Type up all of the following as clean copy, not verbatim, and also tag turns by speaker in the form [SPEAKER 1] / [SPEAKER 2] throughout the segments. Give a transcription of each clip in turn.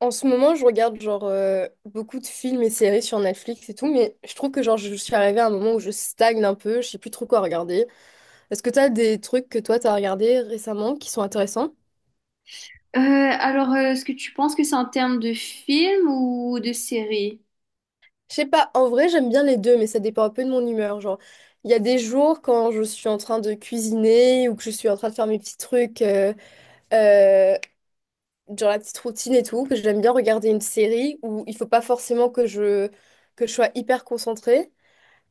[SPEAKER 1] En ce moment, je regarde genre beaucoup de films et séries sur Netflix et tout, mais je trouve que genre je suis arrivée à un moment où je stagne un peu, je sais plus trop quoi regarder. Est-ce que t'as des trucs que toi t'as regardé récemment qui sont intéressants?
[SPEAKER 2] Est-ce que tu penses que c'est en termes de film ou de série?
[SPEAKER 1] Je sais pas, en vrai j'aime bien les deux, mais ça dépend un peu de mon humeur. Genre, il y a des jours quand je suis en train de cuisiner ou que je suis en train de faire mes petits trucs, euh, genre la petite routine et tout, que j'aime bien regarder une série où il faut pas forcément que je sois hyper concentrée.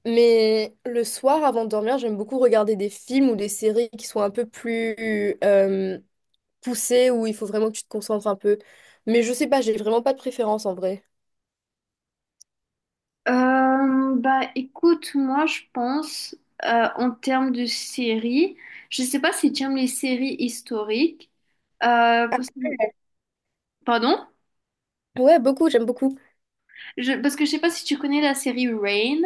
[SPEAKER 1] Mais le soir, avant de dormir, j'aime beaucoup regarder des films ou des séries qui sont un peu plus poussées, où il faut vraiment que tu te concentres un peu. Mais je sais pas, j'ai vraiment pas de préférence en vrai.
[SPEAKER 2] Bah écoute, moi je pense en termes de série. Je sais pas si tu aimes les séries historiques. Euh,
[SPEAKER 1] Ah,
[SPEAKER 2] parce que- Pardon?
[SPEAKER 1] ouais, beaucoup, j'aime beaucoup.
[SPEAKER 2] Parce que je sais pas si tu connais la série Rain.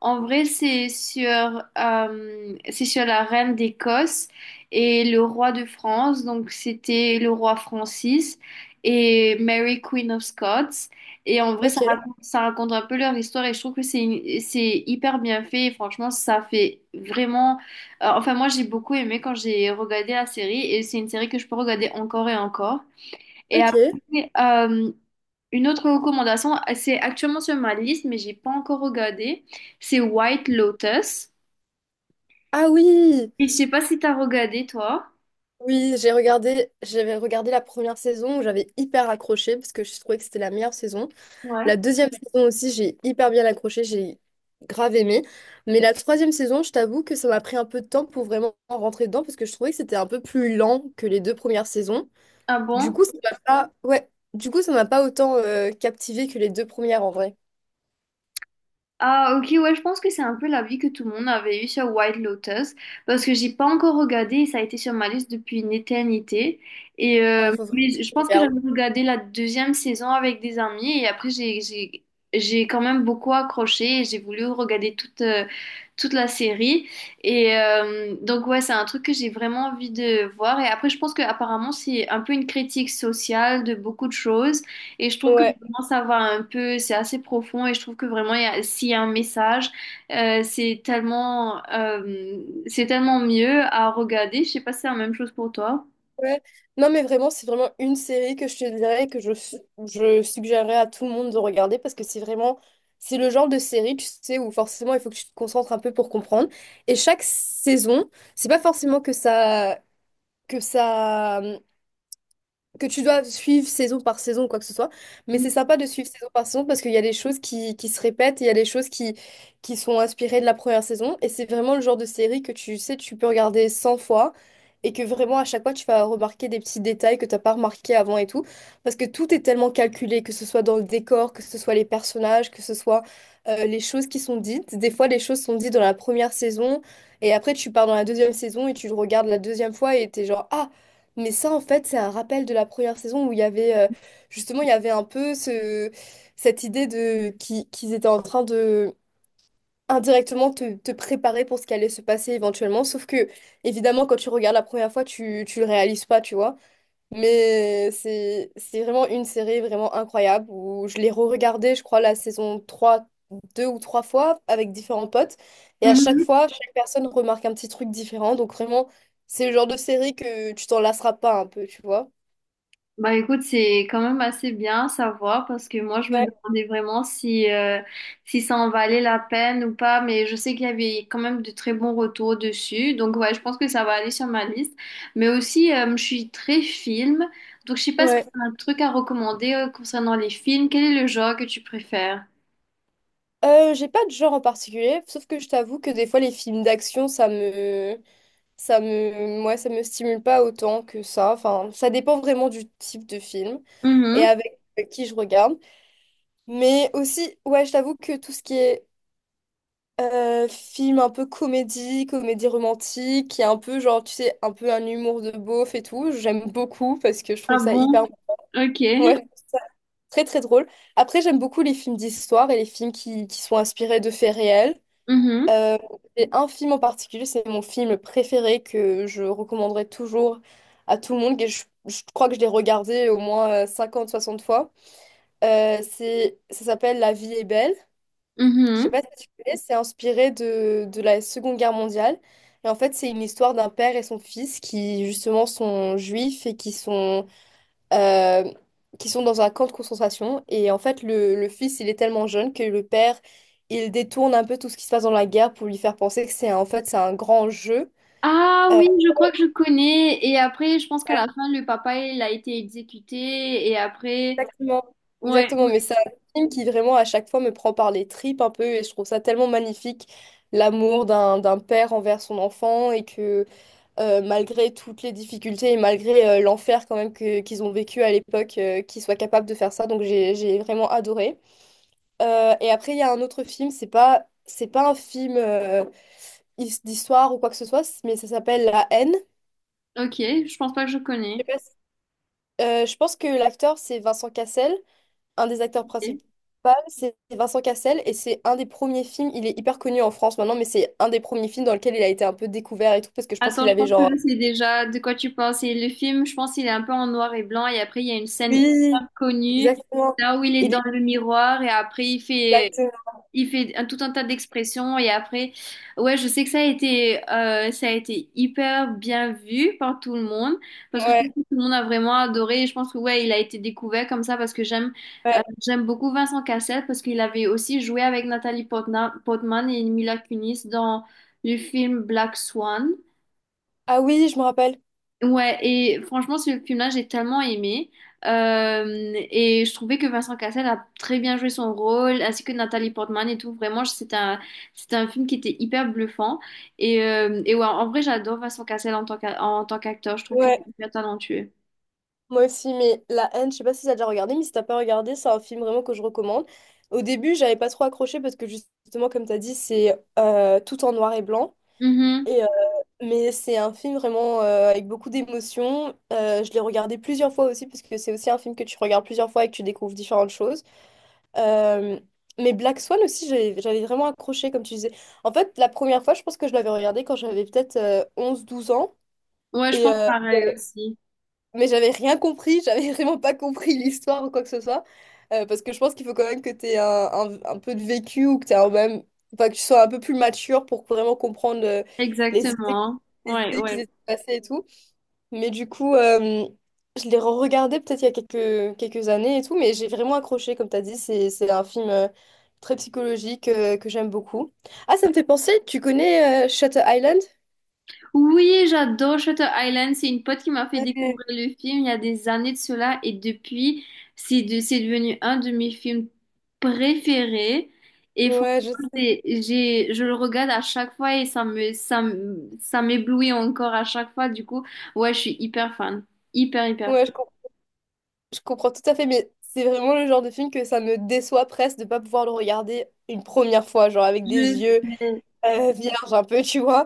[SPEAKER 2] En vrai, c'est sur la reine d'Écosse et le roi de France. Donc, c'était le roi Francis et Mary Queen of Scots. Et en vrai,
[SPEAKER 1] Ok,
[SPEAKER 2] ça raconte un peu leur histoire et je trouve que c'est hyper bien fait. Et franchement, ça fait vraiment. Enfin, moi, j'ai beaucoup aimé quand j'ai regardé la série et c'est une série que je peux regarder encore et encore. Et
[SPEAKER 1] ok.
[SPEAKER 2] après, euh, une autre recommandation, c'est actuellement sur ma liste, mais j'ai pas encore regardé, c'est White Lotus.
[SPEAKER 1] Ah oui,
[SPEAKER 2] Et je sais pas si t'as regardé, toi.
[SPEAKER 1] oui, j'ai regardé, j'avais regardé la première saison où j'avais hyper accroché parce que je trouvais que c'était la meilleure saison. La
[SPEAKER 2] Ouais.
[SPEAKER 1] deuxième saison aussi, j'ai hyper bien accroché, j'ai grave aimé. Mais la troisième saison, je t'avoue que ça m'a pris un peu de temps pour vraiment rentrer dedans parce que je trouvais que c'était un peu plus lent que les deux premières saisons.
[SPEAKER 2] Ah
[SPEAKER 1] Du
[SPEAKER 2] bon?
[SPEAKER 1] coup, ça m'a pas ouais. Du coup, ça m'a pas autant captivé que les deux premières en vrai.
[SPEAKER 2] Ah ok, ouais, je pense que c'est un peu l'avis que tout le monde avait eu sur White Lotus parce que j'ai pas encore regardé et ça a été sur ma liste depuis une éternité et
[SPEAKER 1] Ah, faut vraiment
[SPEAKER 2] mais je
[SPEAKER 1] que je
[SPEAKER 2] pense que
[SPEAKER 1] regarde.
[SPEAKER 2] j'avais regardé la deuxième saison avec des amis et après j'ai j'ai quand même beaucoup accroché et j'ai voulu regarder toute toute la série et donc ouais c'est un truc que j'ai vraiment envie de voir et après je pense que apparemment c'est un peu une critique sociale de beaucoup de choses et je trouve que
[SPEAKER 1] Ouais.
[SPEAKER 2] vraiment ça va un peu, c'est assez profond et je trouve que vraiment s'il y a un message, euh, c'est tellement, euh, c'est tellement mieux à regarder. Je sais pas si c'est la même chose pour toi.
[SPEAKER 1] Ouais. Non, mais vraiment, c'est vraiment une série que je te dirais je suggérerais à tout le monde de regarder parce que c'est vraiment, c'est le genre de série, tu sais, où forcément il faut que tu te concentres un peu pour comprendre. Et chaque saison, c'est pas forcément que ça que tu dois suivre saison par saison, quoi que ce soit. Mais c'est sympa de suivre saison par saison parce qu'il y a des choses qui se répètent, et il y a des choses qui sont inspirées de la première saison. Et c'est vraiment le genre de série que tu sais, tu peux regarder 100 fois et que vraiment à chaque fois, tu vas remarquer des petits détails que tu n'as pas remarqué avant et tout. Parce que tout est tellement calculé, que ce soit dans le décor, que ce soit les personnages, que ce soit les choses qui sont dites. Des fois, les choses sont dites dans la première saison et après, tu pars dans la deuxième saison et tu le regardes la deuxième fois et t'es genre, «Ah, mais ça, en fait, c'est un rappel de la première saison où il y avait justement, il y avait un peu cette idée de qu'ils étaient en train de indirectement te préparer pour ce qui allait se passer éventuellement. Sauf que, évidemment, quand tu regardes la première fois, tu le réalises pas, tu vois. Mais c'est vraiment une série vraiment incroyable où je l'ai re-regardée, je crois, la saison 3 deux ou trois fois avec différents potes. Et à chaque
[SPEAKER 2] Mhm.
[SPEAKER 1] fois, chaque personne remarque un petit truc différent. Donc vraiment, c'est le genre de série que tu t'en lasseras pas un peu, tu vois.
[SPEAKER 2] Bah écoute, c'est quand même assez bien à savoir parce que moi je me
[SPEAKER 1] Ouais,
[SPEAKER 2] demandais vraiment si, si ça en valait la peine ou pas, mais je sais qu'il y avait quand même de très bons retours dessus, donc ouais, je pense que ça va aller sur ma liste. Mais aussi, je suis très film, donc je sais pas si tu
[SPEAKER 1] ouais.
[SPEAKER 2] as un truc à recommander concernant les films, quel est le genre que tu préfères?
[SPEAKER 1] J'ai pas de genre en particulier, sauf que je t'avoue que des fois les films d'action, moi, ça me stimule pas autant que ça. Enfin, ça dépend vraiment du type de film et
[SPEAKER 2] Mhm.
[SPEAKER 1] avec qui je regarde. Mais aussi, ouais, je t'avoue que tout ce qui est film un peu comédie, comédie romantique, qui est un peu genre, tu sais, un peu un humour de beauf et tout, j'aime beaucoup parce que je
[SPEAKER 2] Ah
[SPEAKER 1] trouve ça hyper
[SPEAKER 2] bon? Ok.
[SPEAKER 1] ouais, très très drôle. Après, j'aime beaucoup les films d'histoire et les films qui sont inspirés de faits réels.
[SPEAKER 2] Mhm.
[SPEAKER 1] Euh, et un film en particulier, c'est mon film préféré que je recommanderais toujours à tout le monde. Et je crois que je l'ai regardé au moins 50-60 fois. Ça s'appelle La vie est belle. Je sais
[SPEAKER 2] Mhm.
[SPEAKER 1] pas si tu connais, c'est inspiré de la Seconde Guerre mondiale. Et en fait, c'est une histoire d'un père et son fils qui, justement, sont juifs et euh, qui sont dans un camp de concentration. Et en fait, le fils, il est tellement jeune que le père, il détourne un peu tout ce qui se passe dans la guerre pour lui faire penser en fait, c'est un grand jeu.
[SPEAKER 2] Ah
[SPEAKER 1] Euh,
[SPEAKER 2] oui, je crois que je connais. Et après, je pense qu'à la fin, le papa, il a été exécuté. Et après,
[SPEAKER 1] exactement.
[SPEAKER 2] ouais,
[SPEAKER 1] Exactement, mais
[SPEAKER 2] ouais.
[SPEAKER 1] c'est un film qui vraiment à chaque fois me prend par les tripes un peu et je trouve ça tellement magnifique, l'amour d'un père envers son enfant et que malgré toutes les difficultés et malgré l'enfer quand même que, qu'ils ont vécu à l'époque, qu'ils soient capables de faire ça. Donc j'ai vraiment adoré. Et après, il y a un autre film, c'est pas un film d'histoire ou quoi que ce soit, mais ça s'appelle La haine.
[SPEAKER 2] Ok, je pense pas que je connais.
[SPEAKER 1] Je sais pas si je pense que l'acteur, c'est Vincent Cassel, un des acteurs principaux.
[SPEAKER 2] Ok.
[SPEAKER 1] C'est Vincent Cassel et c'est un des premiers films, il est hyper connu en France maintenant, mais c'est un des premiers films dans lequel il a été un peu découvert et tout, parce que je pense
[SPEAKER 2] Attends,
[SPEAKER 1] qu'il
[SPEAKER 2] je
[SPEAKER 1] avait
[SPEAKER 2] pense que je
[SPEAKER 1] genre
[SPEAKER 2] sais déjà de quoi tu penses. Et le film, je pense qu'il est un peu en noir et blanc. Et après, il y a une scène
[SPEAKER 1] Oui,
[SPEAKER 2] hyper connue,
[SPEAKER 1] exactement.
[SPEAKER 2] là où il est
[SPEAKER 1] Il
[SPEAKER 2] dans
[SPEAKER 1] est
[SPEAKER 2] le miroir. Et après,
[SPEAKER 1] exactement,
[SPEAKER 2] il fait un, tout un tas d'expressions. Et après, ouais, je sais que ça a été hyper bien vu par tout le monde. Parce que je trouve
[SPEAKER 1] ouais.
[SPEAKER 2] que tout le monde a vraiment adoré. Et je pense que, ouais, il a été découvert comme ça parce que j'aime.
[SPEAKER 1] Ouais.
[SPEAKER 2] J'aime beaucoup Vincent Cassel parce qu'il avait aussi joué avec Portman et Mila Kunis dans le film Black Swan.
[SPEAKER 1] Ah oui, je me rappelle.
[SPEAKER 2] Ouais, et franchement, ce film-là, j'ai tellement aimé. Euh, et je trouvais que Vincent Cassel a très bien joué son rôle, ainsi que Nathalie Portman et tout. Vraiment, c'est un film qui était hyper bluffant. Et ouais, en vrai, j'adore Vincent Cassel en tant qu'acteur. Je trouve qu'il
[SPEAKER 1] Ouais,
[SPEAKER 2] est hyper talentueux.
[SPEAKER 1] moi aussi, mais La Haine, je sais pas si t'as déjà regardé, mais si t'as pas regardé, c'est un film vraiment que je recommande. Au début, j'avais pas trop accroché parce que justement, comme t'as dit, c'est tout en noir et blanc.
[SPEAKER 2] Mhm.
[SPEAKER 1] Et, euh, mais c'est un film vraiment avec beaucoup d'émotions. Je l'ai regardé plusieurs fois aussi parce que c'est aussi un film que tu regardes plusieurs fois et que tu découvres différentes choses. Euh, mais Black Swan aussi, j'avais vraiment accroché, comme tu disais. En fait, la première fois, je pense que je l'avais regardé quand j'avais peut-être onze, douze ans.
[SPEAKER 2] Ouais, je
[SPEAKER 1] Et,
[SPEAKER 2] pense
[SPEAKER 1] euh,
[SPEAKER 2] pareil aussi.
[SPEAKER 1] mais j'avais rien compris, j'avais vraiment pas compris l'histoire ou quoi que ce soit. Parce que je pense qu'il faut quand même que tu aies un peu de vécu ou que t'aies un même, enfin, que tu sois un peu plus mature pour vraiment comprendre les idées,
[SPEAKER 2] Exactement.
[SPEAKER 1] les
[SPEAKER 2] Ouais,
[SPEAKER 1] idées qui
[SPEAKER 2] ouais.
[SPEAKER 1] s'étaient passées et tout. Mais du coup, je l'ai re-regardé peut-être il y a quelques années et tout, mais j'ai vraiment accroché, comme tu as dit, c'est un film très psychologique que j'aime beaucoup. Ah, ça me fait penser, tu connais Shutter Island?
[SPEAKER 2] Oui, j'adore Shutter Island. C'est une pote qui m'a fait
[SPEAKER 1] Ouais,
[SPEAKER 2] découvrir le film il y a des années de cela et depuis, c'est devenu un de mes films préférés. Et franchement,
[SPEAKER 1] ouais, je sais.
[SPEAKER 2] je le regarde à chaque fois et ça m'éblouit encore à chaque fois. Du coup, ouais, je suis hyper fan. Hyper, hyper
[SPEAKER 1] Ouais, je
[SPEAKER 2] fan.
[SPEAKER 1] Je comprends tout à fait, mais c'est vraiment le genre de film que ça me déçoit presque de pas pouvoir le regarder une première fois, genre avec des
[SPEAKER 2] Je
[SPEAKER 1] yeux
[SPEAKER 2] sais.
[SPEAKER 1] vierges un peu, tu vois.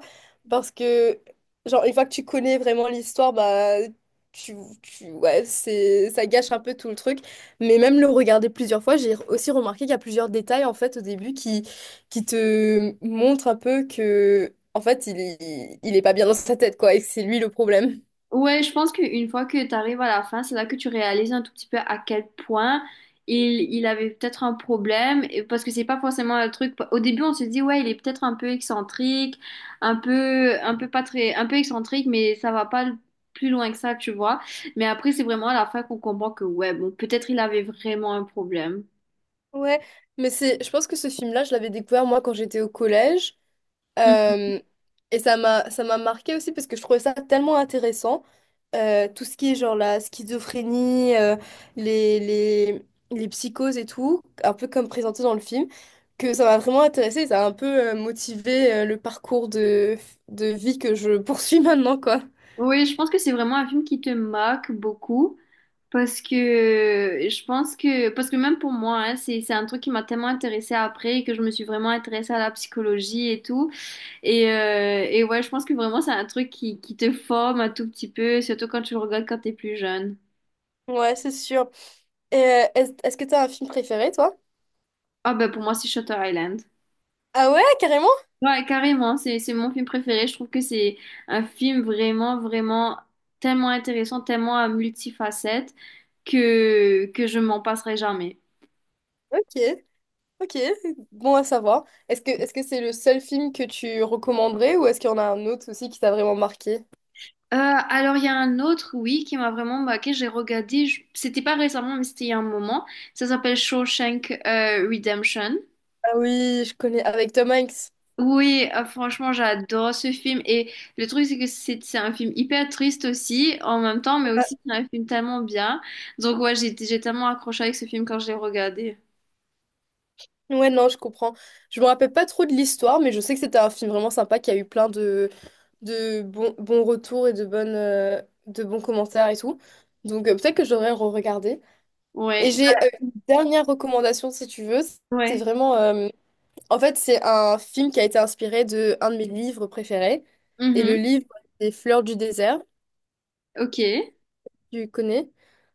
[SPEAKER 1] Parce que, genre, une fois que tu connais vraiment l'histoire, bah, tu, ouais, ça gâche un peu tout le truc. Mais même le regarder plusieurs fois, j'ai aussi remarqué qu'il y a plusieurs détails, en fait, au début qui te montrent un peu que, en fait, il est pas bien dans sa tête, quoi, et que c'est lui le problème.
[SPEAKER 2] Ouais, je pense qu'une fois que tu arrives à la fin, c'est là que tu réalises un tout petit peu à quel point il avait peut-être un problème, parce que c'est pas forcément un truc. Au début, on se dit, ouais, il est peut-être un peu excentrique, un peu pas très, un peu excentrique, mais ça va pas plus loin que ça, tu vois. Mais après, c'est vraiment à la fin qu'on comprend que, ouais, bon, peut-être il avait vraiment un problème.
[SPEAKER 1] Ouais, mais je pense que ce film-là, je l'avais découvert moi quand j'étais au collège.
[SPEAKER 2] Mm.
[SPEAKER 1] Euh, et ça m'a marqué aussi parce que je trouvais ça tellement intéressant. Tout ce qui est genre la schizophrénie, les, les, les psychoses et tout, un peu comme présenté dans le film, que ça m'a vraiment intéressé et ça a un peu motivé le parcours de vie que je poursuis maintenant, quoi.
[SPEAKER 2] Oui, je pense que c'est vraiment un film qui te marque beaucoup. Parce que je pense que, parce que même pour moi, hein, c'est un truc qui m'a tellement intéressée après que je me suis vraiment intéressée à la psychologie et tout. Et ouais, je pense que vraiment c'est un truc qui te forme un tout petit peu, surtout quand tu le regardes quand t'es plus jeune.
[SPEAKER 1] Ouais, c'est sûr. Est-ce que t'as un film préféré, toi?
[SPEAKER 2] Ah ben pour moi c'est Shutter Island.
[SPEAKER 1] Ah ouais, carrément?
[SPEAKER 2] Ouais, carrément, c'est mon film préféré. Je trouve que c'est un film vraiment, vraiment tellement intéressant, tellement à multifacettes que je m'en passerai jamais.
[SPEAKER 1] Ok. Ok, bon à savoir. Est-ce que c'est le seul film que tu recommanderais ou est-ce qu'il y en a un autre aussi qui t'a vraiment marqué?
[SPEAKER 2] Il y a un autre, oui, qui m'a vraiment marqué. J'ai regardé, c'était pas récemment, mais c'était il y a un moment. Ça s'appelle Shawshank Redemption.
[SPEAKER 1] Ah oui, je connais avec Tom Hanks.
[SPEAKER 2] Oui, franchement, j'adore ce film. Et le truc, c'est que c'est un film hyper triste aussi, en même temps, mais
[SPEAKER 1] Ouais,
[SPEAKER 2] aussi c'est un film tellement bien. Donc, ouais, j'ai tellement accroché avec ce film quand je l'ai regardé.
[SPEAKER 1] ouais, non, je comprends. Je me rappelle pas trop de l'histoire, mais je sais que c'était un film vraiment sympa qui a eu plein de bons, bons retours et de bonnes, de bons commentaires et tout. Donc peut-être que j'aurais re-regardé. Et
[SPEAKER 2] Ouais,
[SPEAKER 1] j'ai une dernière recommandation si tu veux. C'est
[SPEAKER 2] ouais.
[SPEAKER 1] vraiment en fait, c'est un film qui a été inspiré de un de mes livres préférés. Et le
[SPEAKER 2] Mhm.
[SPEAKER 1] livre, c'est Fleurs du désert,
[SPEAKER 2] Ok.
[SPEAKER 1] tu connais.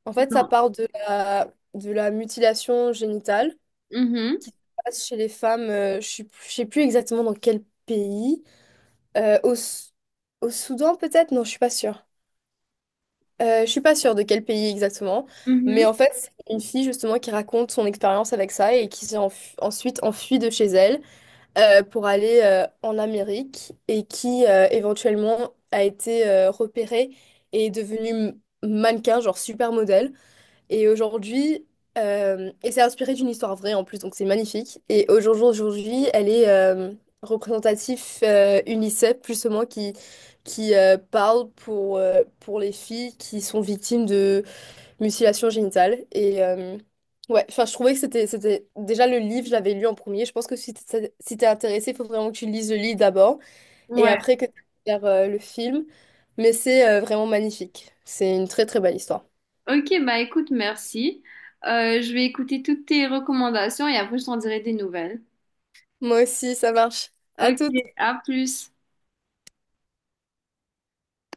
[SPEAKER 1] En fait, ça
[SPEAKER 2] Non.
[SPEAKER 1] part de de la mutilation génitale.
[SPEAKER 2] Mhm.
[SPEAKER 1] Ça se passe chez les femmes. Je ne sais plus exactement dans quel pays. Euh, au, S- au Soudan, peut-être? Non, je suis pas sûre. Je suis pas sûre de quel pays exactement. Mais
[SPEAKER 2] Mhm.
[SPEAKER 1] en fait, c'est une fille justement qui raconte son expérience avec ça et qui ensuite enfuie de chez elle. Pour aller en Amérique et qui éventuellement a été repéré et est devenu mannequin, genre supermodèle. Et aujourd'hui, et c'est inspiré d'une histoire vraie en plus, donc c'est magnifique. Et aujourd'hui jour elle est représentatif UNICEF, plus ou moins, qui parle pour les filles qui sont victimes mutilation génitale. Et ouais, enfin, je trouvais que c'était Déjà, le livre, je l'avais lu en premier. Je pense que si si t'es intéressé, il faut vraiment que tu lises le livre d'abord et
[SPEAKER 2] Ouais.
[SPEAKER 1] après que tu regardes le film. Mais c'est vraiment magnifique. C'est une très, très belle histoire.
[SPEAKER 2] Ok, bah écoute, merci. Je vais écouter toutes tes recommandations et après je t'en dirai des nouvelles.
[SPEAKER 1] Moi aussi, ça marche. À
[SPEAKER 2] Ok,
[SPEAKER 1] toutes.
[SPEAKER 2] à plus.